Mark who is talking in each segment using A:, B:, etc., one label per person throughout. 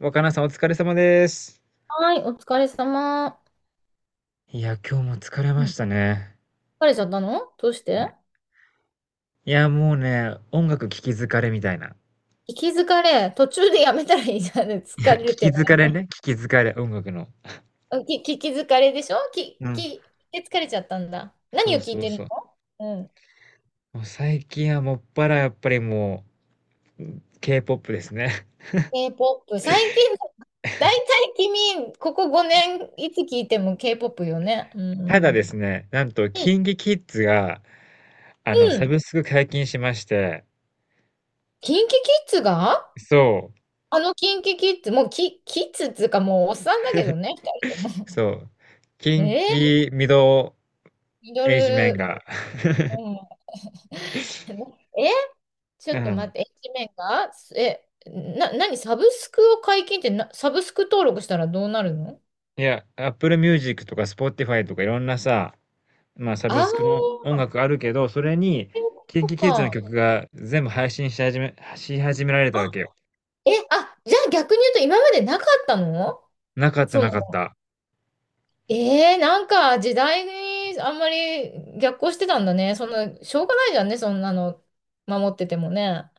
A: 若菜さんお疲れ様です。
B: はい、お疲れ様。
A: いや、今日も疲れ
B: う
A: ま
B: ん、
A: したね。
B: 疲れちゃったの？どうして？
A: ね。いや、もうね、音楽聴き疲れみたいな。
B: 聞き疲れ。途中でやめたらいいじゃん。疲
A: いや、
B: れ
A: 聴
B: る
A: き
B: 手
A: 疲れ
B: 前で。
A: ね、聴き疲れ、音楽の。
B: あ、き、聞き疲れでしょき、
A: う
B: き、
A: ん。
B: 聞き疲れちゃったんだ。
A: そ
B: 何を
A: う
B: 聞い
A: そう
B: てる
A: そう。
B: の？うん。
A: もう最近はもっぱらやっぱりもう K-POP ですね。
B: K-POP。最近、だいたい君、ここ5年、いつ聞いても K-POP よね。う
A: ただで
B: ん。
A: すね、なんと
B: うん。
A: キンキキッズが、
B: う
A: サ
B: ん。
A: ブスク解禁しまして、
B: キンキキッズが、
A: そう、
B: あのキンキキッズ、もうキ、キッズっていうかもうおっさんだけどね、二人とも。
A: そう、キ
B: え
A: ン
B: ー、
A: キミド
B: ミド
A: ルエイジメン
B: ル、
A: が、
B: うん。え、ちょ
A: う
B: っと待
A: ん。
B: って、一面が、え、な、何、サブスクを解禁って？な、サブスク登録したらどうなるの？
A: いや、Apple Music とか Spotify とかいろんなさ、まあ、サ
B: あ
A: ブ
B: あー、
A: スクの
B: そ
A: 音楽あるけど、それに、
B: ういうこ
A: キン
B: と
A: キキッズの
B: か。
A: 曲が全部配信し始められた
B: あ、
A: わけよ。
B: え、あ、じゃあ逆に言うと今までなかったの？
A: なかった
B: その、
A: なかった。
B: えー、なんか時代にあんまり逆行してたんだね。その、しょうがないじゃんね、そんなの守っててもね。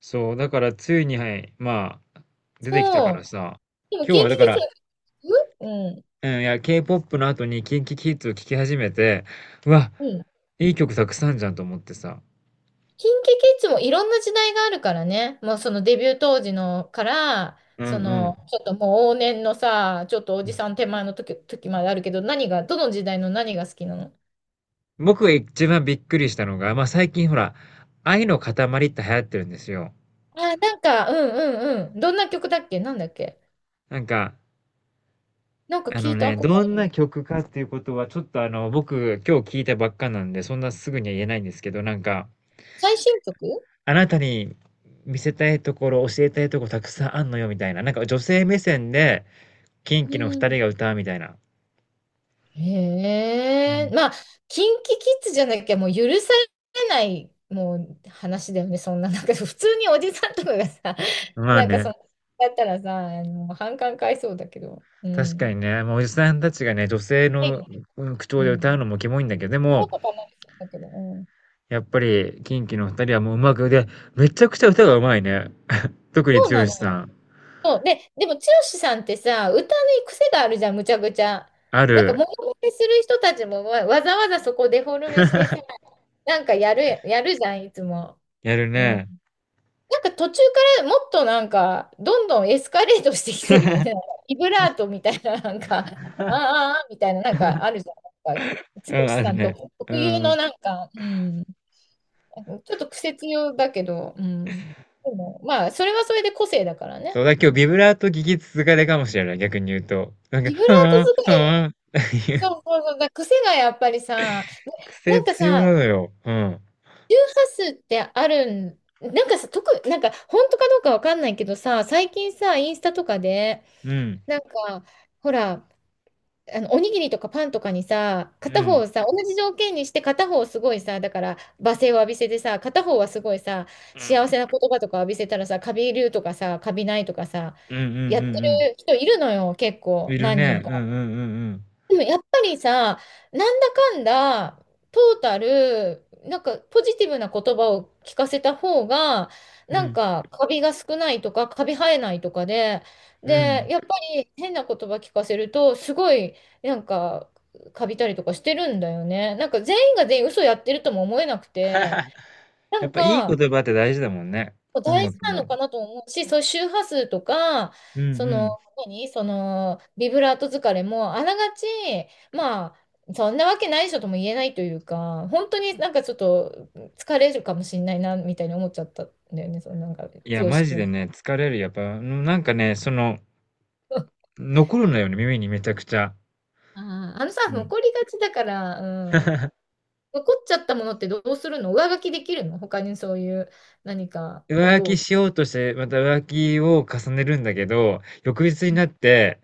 A: そう、だから、ついに、はい、まあ、出てきた
B: そ
A: から
B: う。
A: さ、
B: でも、
A: 今日
B: 近
A: は
B: 畿
A: だか
B: k
A: ら、
B: i、 うん。
A: うん、いや、K-POP の後にキンキキッズを聴き始めて、うわ、
B: うん。
A: いい曲たくさんじゃんと思ってさ。
B: キンキキッズもいろんな時代があるからね。もうそのデビュー当時のから、
A: うんう
B: そ
A: ん。
B: の、ちょっともう往年のさ、ちょっとお
A: う
B: じ
A: ん、
B: さん手前の時、時まであるけど、何が、どの時代の何が好きなの？
A: 僕が一番びっくりしたのが、まあ最近ほら、愛の塊って流行ってるんですよ。
B: あ、なんか、うんうんうん。どんな曲だっけ？なんだっけ？
A: なんか、
B: なんか聞いたこと
A: ど
B: あ
A: んな
B: る。
A: 曲かっていうことは、ちょっと、僕、今日聞いたばっかなんで、そんなすぐには言えないんですけど、なんか、
B: 最新曲？
A: あなたに見せたいところ、教えたいところたくさんあんのよ、みたいな。なんか女性目線で、キンキの
B: う
A: 二人
B: ん。
A: が歌うみたいな。う
B: へえ、
A: ん。
B: まあ、キンキキッズじゃなきゃもう許されない、もう話だよね、そんな、なんか普通におじさんとかがさ、
A: まあ
B: なんかそ
A: ね、
B: の、だったらさ、あの、反感買いそうだけど、う
A: 確か
B: ん。
A: にね、もうおじさんたちがね、女性
B: は
A: の
B: い、
A: うん口
B: う
A: 調で歌う
B: ん。
A: のもキモいんだけど、で
B: そ
A: も、
B: うとかなりそうだけど、うん。
A: やっぱり、キンキの二人はもううまく、で、めちゃくちゃ歌がうまいね。特に
B: そうな
A: 剛
B: の
A: さ
B: よ。
A: ん。
B: そうで、でも、剛さんってさ、歌に癖があるじゃん、むちゃくちゃ。
A: あ
B: なんか、モ
A: る。
B: ノマネする人たちもわ、わざわざそこデフォルメしてさ、なんかやる、やるじゃん、いつも。
A: やる
B: うん、
A: ね。
B: なんか途中からもっとなんか、どんどんエスカレートしてきてるよね。ビブラートみたいな、なんか、あーあーあーみたいな、なんかあるじゃん。なんか、
A: う
B: 剛
A: ん、ある
B: さんと
A: ね。う
B: 特有の
A: ん。
B: なんか、うん、ちょっと癖強だけど、うん。でも、まあ、それはそれで個性だから
A: そ
B: ね。
A: う、だ今日
B: う
A: ビ
B: ん、
A: ブラート聞き続かれかもしれない、逆に言うと。なんか、
B: ビブラート
A: は
B: 使
A: ぁ、
B: い、
A: はぁ、っていう
B: そうそうそう、だから癖がやっぱりさ、な、な
A: 癖
B: んか
A: 強な
B: さ、
A: のよ。うん。
B: 周波数ってあるん、なんかさ、特、なんか本当かどうかわかんないけどさ、最近さ、インスタとかで、
A: うん。
B: なんか、ほら、あの、おにぎりとかパンとかにさ、
A: う
B: 片方
A: ん。
B: をさ、同じ条件にして片方をすごいさ、だから、罵声を浴びせてさ、片方はすごいさ、
A: う
B: 幸
A: ん。
B: せな言葉とか浴びせたらさ、カビるとかさ、カビないとかさ、
A: うんうんうん
B: やって
A: うん。
B: る人いるのよ、結構、
A: いる
B: 何人
A: ね。うんうんうん
B: か。
A: うん。
B: でもやっぱりさ、なんだかんだ、トータル、なんかポジティブな言葉を聞かせた方が、
A: う
B: なん
A: ん。
B: かカビが少ないとか、カビ生えないとかで、
A: う
B: で、
A: ん。
B: やっぱり変な言葉聞かせると、すごい、なんか、カビたりとかしてるんだよね。なんか全員が全員嘘やってるとも思えなくて、な
A: やっ
B: ん
A: ぱいい言
B: か、
A: 葉って大事だもんね。音
B: 大事
A: 楽
B: なの
A: も。
B: かなと思うし、そういう周波数とか、
A: うんう
B: その、
A: ん。
B: 何その、ビブラート疲れも、あながち、まあ、そんなわけないでしょとも言えないというか、本当になんかちょっと疲れるかもしれないな、みたいに思っちゃったんだよね、そのなんか、剛
A: いや、マジ
B: く
A: で
B: ん。
A: ね、疲れる。やっぱ、なんかね、その、残るのよね、耳にめちゃくちゃ。
B: あー、あのさ、
A: うん。
B: 残りがちだから、うん。残っちゃったものってどうするの？上書きできるの？他にそういう何か
A: 浮
B: 音
A: 気
B: を。
A: しようとして、また浮気を重ねるんだけど、翌日になって、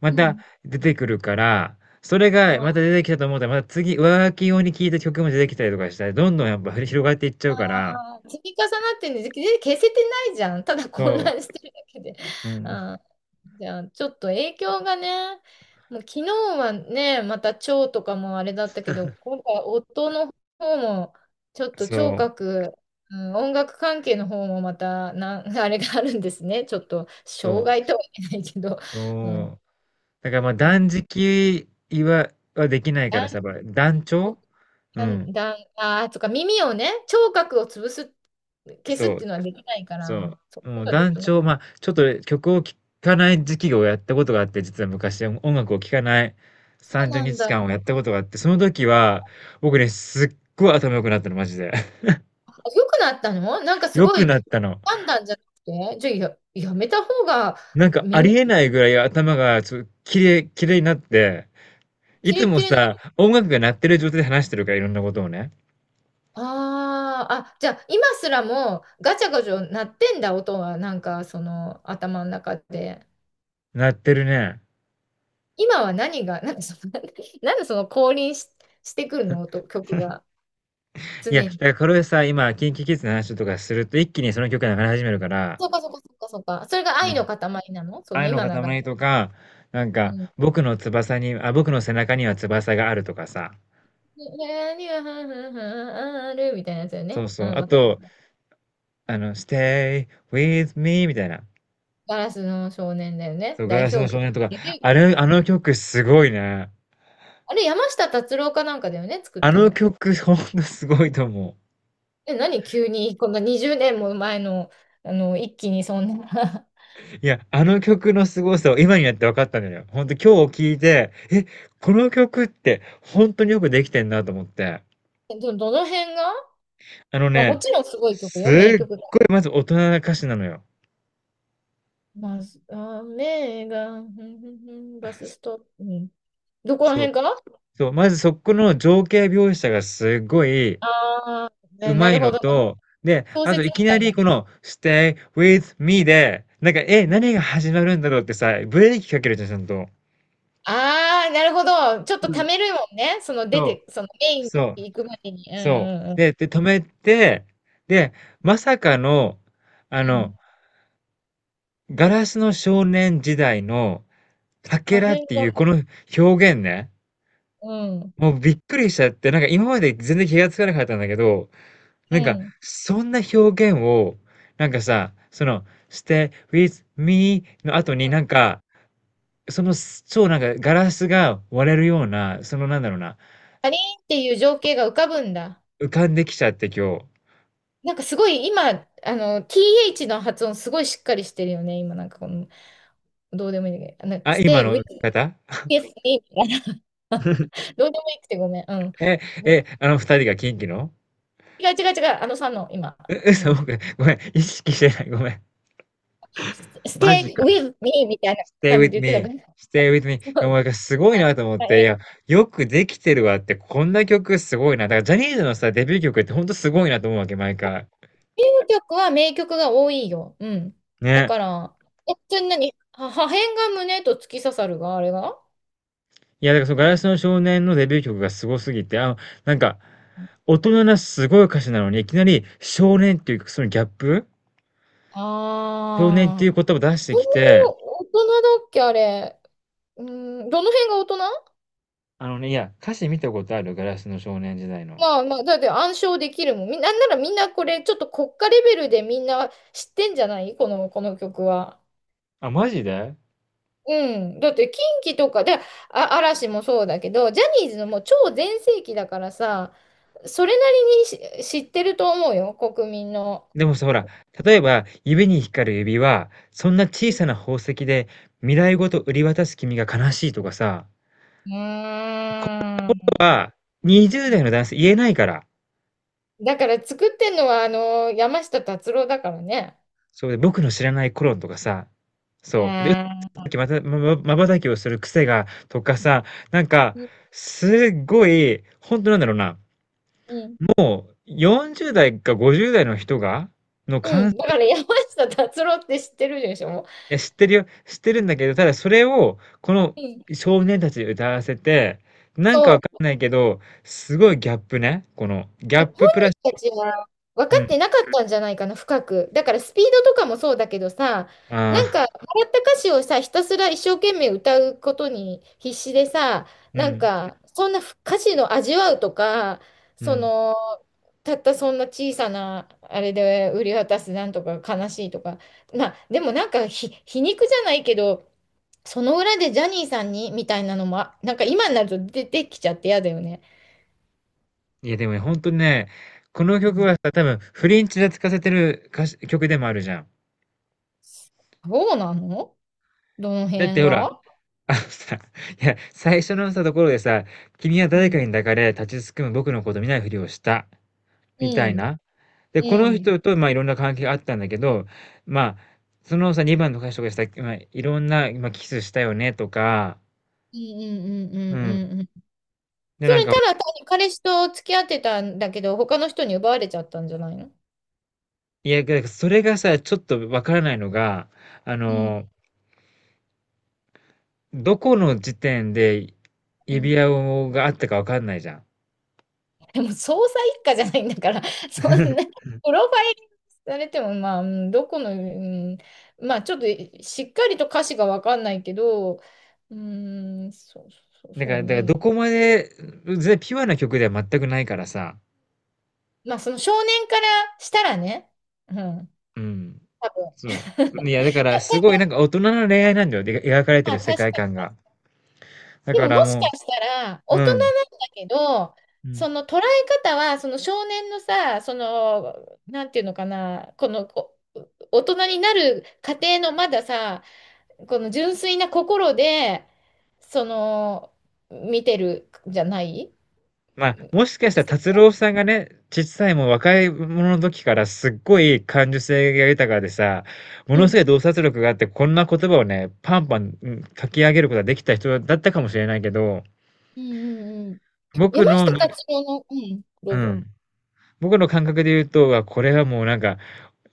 A: ま
B: う
A: た
B: ん。
A: 出てくるから、それがまた出てきたと思ったら、また次、浮気用に聴いた曲も出てきたりとかしたら、どんどんやっぱふり広がっていっちゃうから、
B: あー、積み重なってるんで、で消せてないじゃん。ただ混
A: そ
B: 乱してるだけで。
A: う、う ん、
B: あー、じゃあ、ちょっと影響がね、もう昨日はね、また腸とかもあれだったけど、今回夫の方も、ちょっと聴
A: そう、
B: 覚、うん、音楽関係の方もまたなん、あれがあるんですね。ちょっと、障
A: そ
B: 害
A: う、
B: とは言えないけど、うん、
A: そう。だからまあ断食は、できない
B: だ
A: か
B: ん、
A: らさ、やっぱ断腸う
B: だん、
A: ん。
B: だんあーとか耳をね、聴覚を潰す、消すっ
A: そ
B: て
A: う。
B: いうのはできないか
A: そ
B: ら、そうい
A: う。
B: うこ
A: もう
B: とはで
A: 団
B: きない。
A: 長、まあ、ちょっと曲を聴かない時期をやったことがあって、実は昔、音楽を聴かない
B: そう
A: 30
B: な
A: 日
B: ん
A: 間
B: だ。
A: をやったことがあって、その時は、僕ね、すっごい頭良くなったの、マジで。
B: あ、良くなったの？なんかす
A: 良
B: ご
A: く
B: い、
A: なったの。
B: 判断じゃなくて、じゃあや、やめた方が
A: なんかあ
B: 耳、
A: りえないぐらい頭がちょっときれいになって、い
B: キレ
A: つ
B: ッ
A: も
B: キレの、
A: さ、音楽が鳴ってる状態で話してるから、いろんなことをね。
B: あーあ、じゃあ今すらもガチャガチャ鳴ってんだ、音は、なんかその頭の中で。
A: 鳴ってるね。
B: 今は何が、なんかその、なんでその降臨し、してくるの、音、曲が、
A: いや、
B: 常
A: だ
B: に。
A: からこれさ、今、キンキキッズの話とかすると、一気にその曲が流れ始めるから。
B: そうかそうかそうかそうか。それが愛の塊なの？その
A: 愛の
B: 今流れ
A: 塊
B: る。
A: とか、なん
B: う
A: か、
B: ん。
A: 僕の背中には翼があるとかさ。
B: 何が、はははあるみたいなやつだよ
A: そ
B: ね。
A: う
B: う
A: そう。
B: ん、
A: あ
B: わ、
A: と、Stay with me みたいな。
B: ガラスの少年だよね。
A: そう、ガ
B: 代
A: ラ
B: 表
A: スの少
B: 曲。
A: 年とか。
B: デビュー
A: あ
B: 曲。
A: れ、あの曲すごいね。
B: あれ、山下達郎かなんかだよね、作っ
A: あ
B: た
A: の
B: の。
A: 曲、ほんとすごいと思
B: え、何急に、こんな20年も前の、あの、一気にそんな
A: う。いや、あの曲のすごさを今になって分かったんだよ。ほんと今日聞いて、え、この曲って本当によくできてんなと思って。
B: え、ど、どの辺が、
A: あの
B: まあ、も
A: ね、
B: ちろんすごい曲
A: すっ
B: よ、名曲だ。
A: ごいまず大人な歌詞なのよ。
B: まず、雨が、ふんふんふんバスストップ。うん、どこら
A: そう。
B: 辺かな？
A: そう、まずそこの情景描写がすごい
B: あー、な、な
A: 上手
B: る
A: い
B: ほ
A: の
B: ど。
A: と、で、
B: 小
A: あと
B: 説
A: い
B: み
A: きな
B: たい
A: り
B: な。
A: この「Stay with me」で、なんか、え、何が始まるんだろうってさ、ブレーキかけるじゃん、ちゃんと。
B: ああ、なるほど。ちょっとためるもんね。その出
A: そう、
B: て、そのメイン
A: そう、
B: に行くまでに。うんう
A: そ
B: んう
A: う。
B: ん。
A: で、止めて、で、まさかの、あ
B: う
A: の、
B: ん。
A: ガラスの少年時代のか
B: 破
A: けらっ
B: 片
A: ていうこ
B: が、
A: の表現ね、
B: うん。
A: もうびっくりしちゃって、なんか今まで全然気がつかなかったんだけど、
B: う
A: なんか、
B: ん。
A: そんな表現を、なんかさ、その、stay with me の後になんか、その、超なんかガラスが割れるような、そのなんだろうな、
B: かりんっていう情景が浮かぶんだ。
A: 浮かんできちゃって今日。
B: なんかすごい今、あの、TH の発音すごいしっかりしてるよね。今なんかこの、どうでもいいんだけど、あの、
A: あ、今
B: stay with m
A: の方、
B: e s みたいな。どうでもいいくてごめん。うん。
A: え、え、あの二人がキンキの、
B: 違う違う違う。あのさんの今、
A: う、
B: う
A: 嘘、
B: ん。
A: 僕、ごめん、意識してない、ごめん。マジ
B: stay
A: か。
B: with me みたいな
A: stay
B: 感じ
A: with
B: で言ってた
A: me,
B: から。
A: stay with me。 い
B: そ
A: や、も
B: う、
A: うなんかすごい
B: は
A: なと思っ
B: い、
A: て、い
B: え、
A: や、よくできてるわって、こんな曲すごいな。だからジャニーズのさ、デビュー曲ってほんとすごいなと思うわけ、毎回。
B: 英語曲は名曲が多いよ。うん。だ
A: ね。
B: から、え、それ何は破片が胸と突き刺さるが、あれが
A: いや、だからそのガラスの少年のデビュー曲がすごすぎて、なんか、大人なすごい歌詞なのに、いきなり少年っていうそのギャップ、少年って
B: あ
A: いう
B: あー。
A: 言葉を出して
B: そん
A: き
B: なに
A: て、
B: 大人だっけ、あれ。うーん、どの辺が大人？
A: あのね、いや、歌詞見たことある？ガラスの少年時代の。
B: まあまあ、だって暗唱できるもん。み、なんならみんなこれ、ちょっと国家レベルでみんな知ってんじゃない？この、この曲は。
A: あ、マジで？
B: うん。だって、近畿とかで、あ、嵐もそうだけど、ジャニーズのもう超全盛期だからさ、それなりにし知ってると思うよ、国民の。
A: でもさ、ほら、例えば指に光る指輪、そんな小
B: う
A: さな宝石で未来ごと売り渡す君が悲しいとかさ、
B: ー
A: ここ
B: ん。
A: は20代の男性言えないから。
B: だから作ってんのは、あの、山下達郎だからね。
A: そう、で、僕の知らない頃とかさ、
B: う
A: そう。で、さ
B: ん。
A: っきまた、まままば瞬きをする癖がとかさ、なんか、すっごい、ほんとなんだろうな、
B: うん、
A: 40代か50代の人がの
B: う
A: かんい
B: ん、だから山下達郎って知ってるでしょ？もう、
A: や、知ってるよ、知ってるんだけど、ただそれを、この
B: うん。
A: 少年たちに歌わせて、なんかわ
B: そ
A: か
B: う。
A: んないけど、す
B: う
A: ご
B: ん、
A: いギャップね、この、ギャ
B: 本
A: ッププラス
B: 人たちは分
A: う
B: か
A: ん、
B: ってなかったんじゃないかな、深く。だからスピードとかもそうだけどさ、
A: あ
B: なん
A: あ、
B: か、もらった歌詞をさ、ひたすら一生懸命歌うことに必死でさ、
A: う
B: なん
A: ん、
B: か、そんな歌詞の味わうとか、
A: う
B: そ
A: ん。
B: の、たったそんな小さな、あれで売り渡すなんとか悲しいとか、まあ、でもなんかひ、皮肉じゃないけど、その裏でジャニーさんにみたいなのも、あ、なんか今になると出てきちゃって嫌だよね。
A: いやでもね、ほんとね、この
B: う
A: 曲は
B: ん、
A: さ、多分フリンチで使わせてるかし曲でもあるじゃん。
B: そうなの？どの
A: だっ
B: 辺
A: てほら、
B: が？
A: あのさ、いや、最初のさ、ところでさ、君は
B: う
A: 誰か
B: ん。
A: に抱かれ、立ちすくむ僕のこと見ないふりをした、
B: う
A: みたい
B: ん。
A: な。で、こ
B: う
A: の
B: ん。
A: 人と、まあ、いろんな関係があったんだけど、まあ、そのさ、2番の歌手とかした、まあ、いろんな、まあ、キスしたよね、とか、
B: うんうんうんう
A: うん。
B: んうんうん。
A: で、
B: そ
A: なん
B: れ
A: か、
B: ただ単に彼氏と付き合ってたんだけど、他の人に奪われちゃったんじゃないの？
A: いや、だからそれがさ、ちょっとわからないのが、あ
B: うん。
A: の、どこの時点で
B: うん。
A: 指輪をがあったかわかんないじゃん。
B: でも、捜査一課じゃないんだから、そんな、プロファイルされても、まあ、うん、どこの、うん、まあ、ちょっとしっかりと歌詞がわかんないけど、うん、そう、そう、
A: だか
B: そう
A: ら、だから
B: ね。
A: どこまで、全然ピュアな曲では全くないからさ、
B: まあ、その少年からしたらね、うん、
A: うん。
B: 多分。
A: そう。いや、だから、
B: だ、
A: すご
B: だ、
A: いなんか大人の恋愛なんだよ。で、描かれて
B: まあ、
A: る
B: 確
A: 世
B: か
A: 界観
B: に。
A: が。だ
B: で
A: か
B: も、
A: ら
B: もしか
A: も
B: したら、
A: う、
B: 大
A: う
B: 人
A: ん、
B: なんだけど、
A: うん。
B: その捉え方は、その少年のさ、その、なんていうのかな、この、こ、大人になる過程のまださ、この純粋な心で、その、見てるじゃない？う
A: まあ、
B: ん、
A: もしかしたら達郎さんがね、ちっさいもう若い者の時からすっごい感受性が豊かでさ、も
B: う
A: のす
B: ん、
A: ごい洞察力があって、こんな言葉をね、パンパン、うん、書き上げることができた人だったかもしれないけど、
B: うん、うん。
A: 僕
B: 山
A: の、
B: 下
A: な、
B: 達郎の、うん、ど
A: う
B: うぞ。
A: ん、僕の感覚で言うと、あ、これはもうなんか、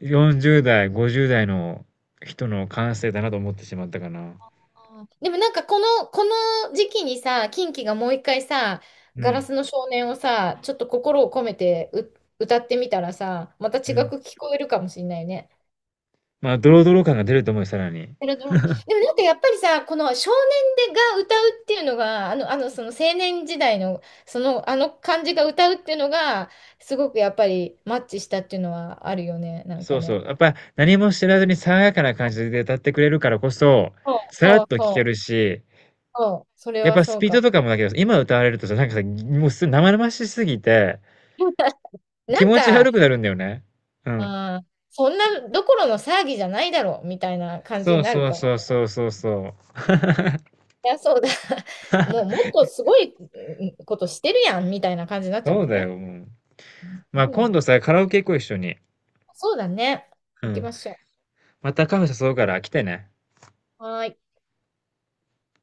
A: 40代、50代の人の感性だなと思ってしまったかな。
B: あー、でもなんかこの、この時期にさ、キンキがもう一回さ、
A: う
B: ガラ
A: ん、
B: スの少年をさ、ちょっと心を込めて、う、歌ってみたらさ、また
A: う
B: 違
A: ん。
B: く聞こえるかもしれないね。
A: まあ、ドロドロ感が出ると思うよ、さらに。
B: ペラドロでもなんかやっぱりさ、この少年でが歌うっていうのが、あの、あのその青年時代の、その、あの感じが歌うっていうのが、すごくやっぱりマッチしたっていうのはあるよね、なん
A: そ
B: か
A: うそ
B: ね。
A: う。やっぱ、何も知らずに爽やかな感じで歌ってくれるからこそ、
B: そう
A: さら
B: そ
A: っ
B: う
A: と聴け
B: そ
A: るし、
B: う、そう、それ
A: やっ
B: は
A: ぱス
B: そう
A: ピー
B: か
A: ド
B: も。
A: とかもだけど、今歌われるとさ、なんかさ、もうす生々しすぎて、気
B: なん
A: 持ち
B: か、
A: 悪くなるんだよね。うん。
B: ああ、そんなどころの騒ぎじゃないだろうみたいな感じ
A: そ
B: に
A: う
B: なる
A: そう
B: から、
A: そうそうそうそう。
B: いや、そうだ、もうもっとすごい、うん、ことしてるやんみたいな感じになっちゃう
A: そ
B: も
A: う
B: ん
A: だ
B: ね。
A: よ、もう。まあ、
B: う
A: 今
B: ん、
A: 度さ、カラオケ行こう、一緒に。
B: そうだね。
A: う
B: 行き
A: ん。
B: ましょ
A: またカフェ誘うから来てね。
B: う。はーい。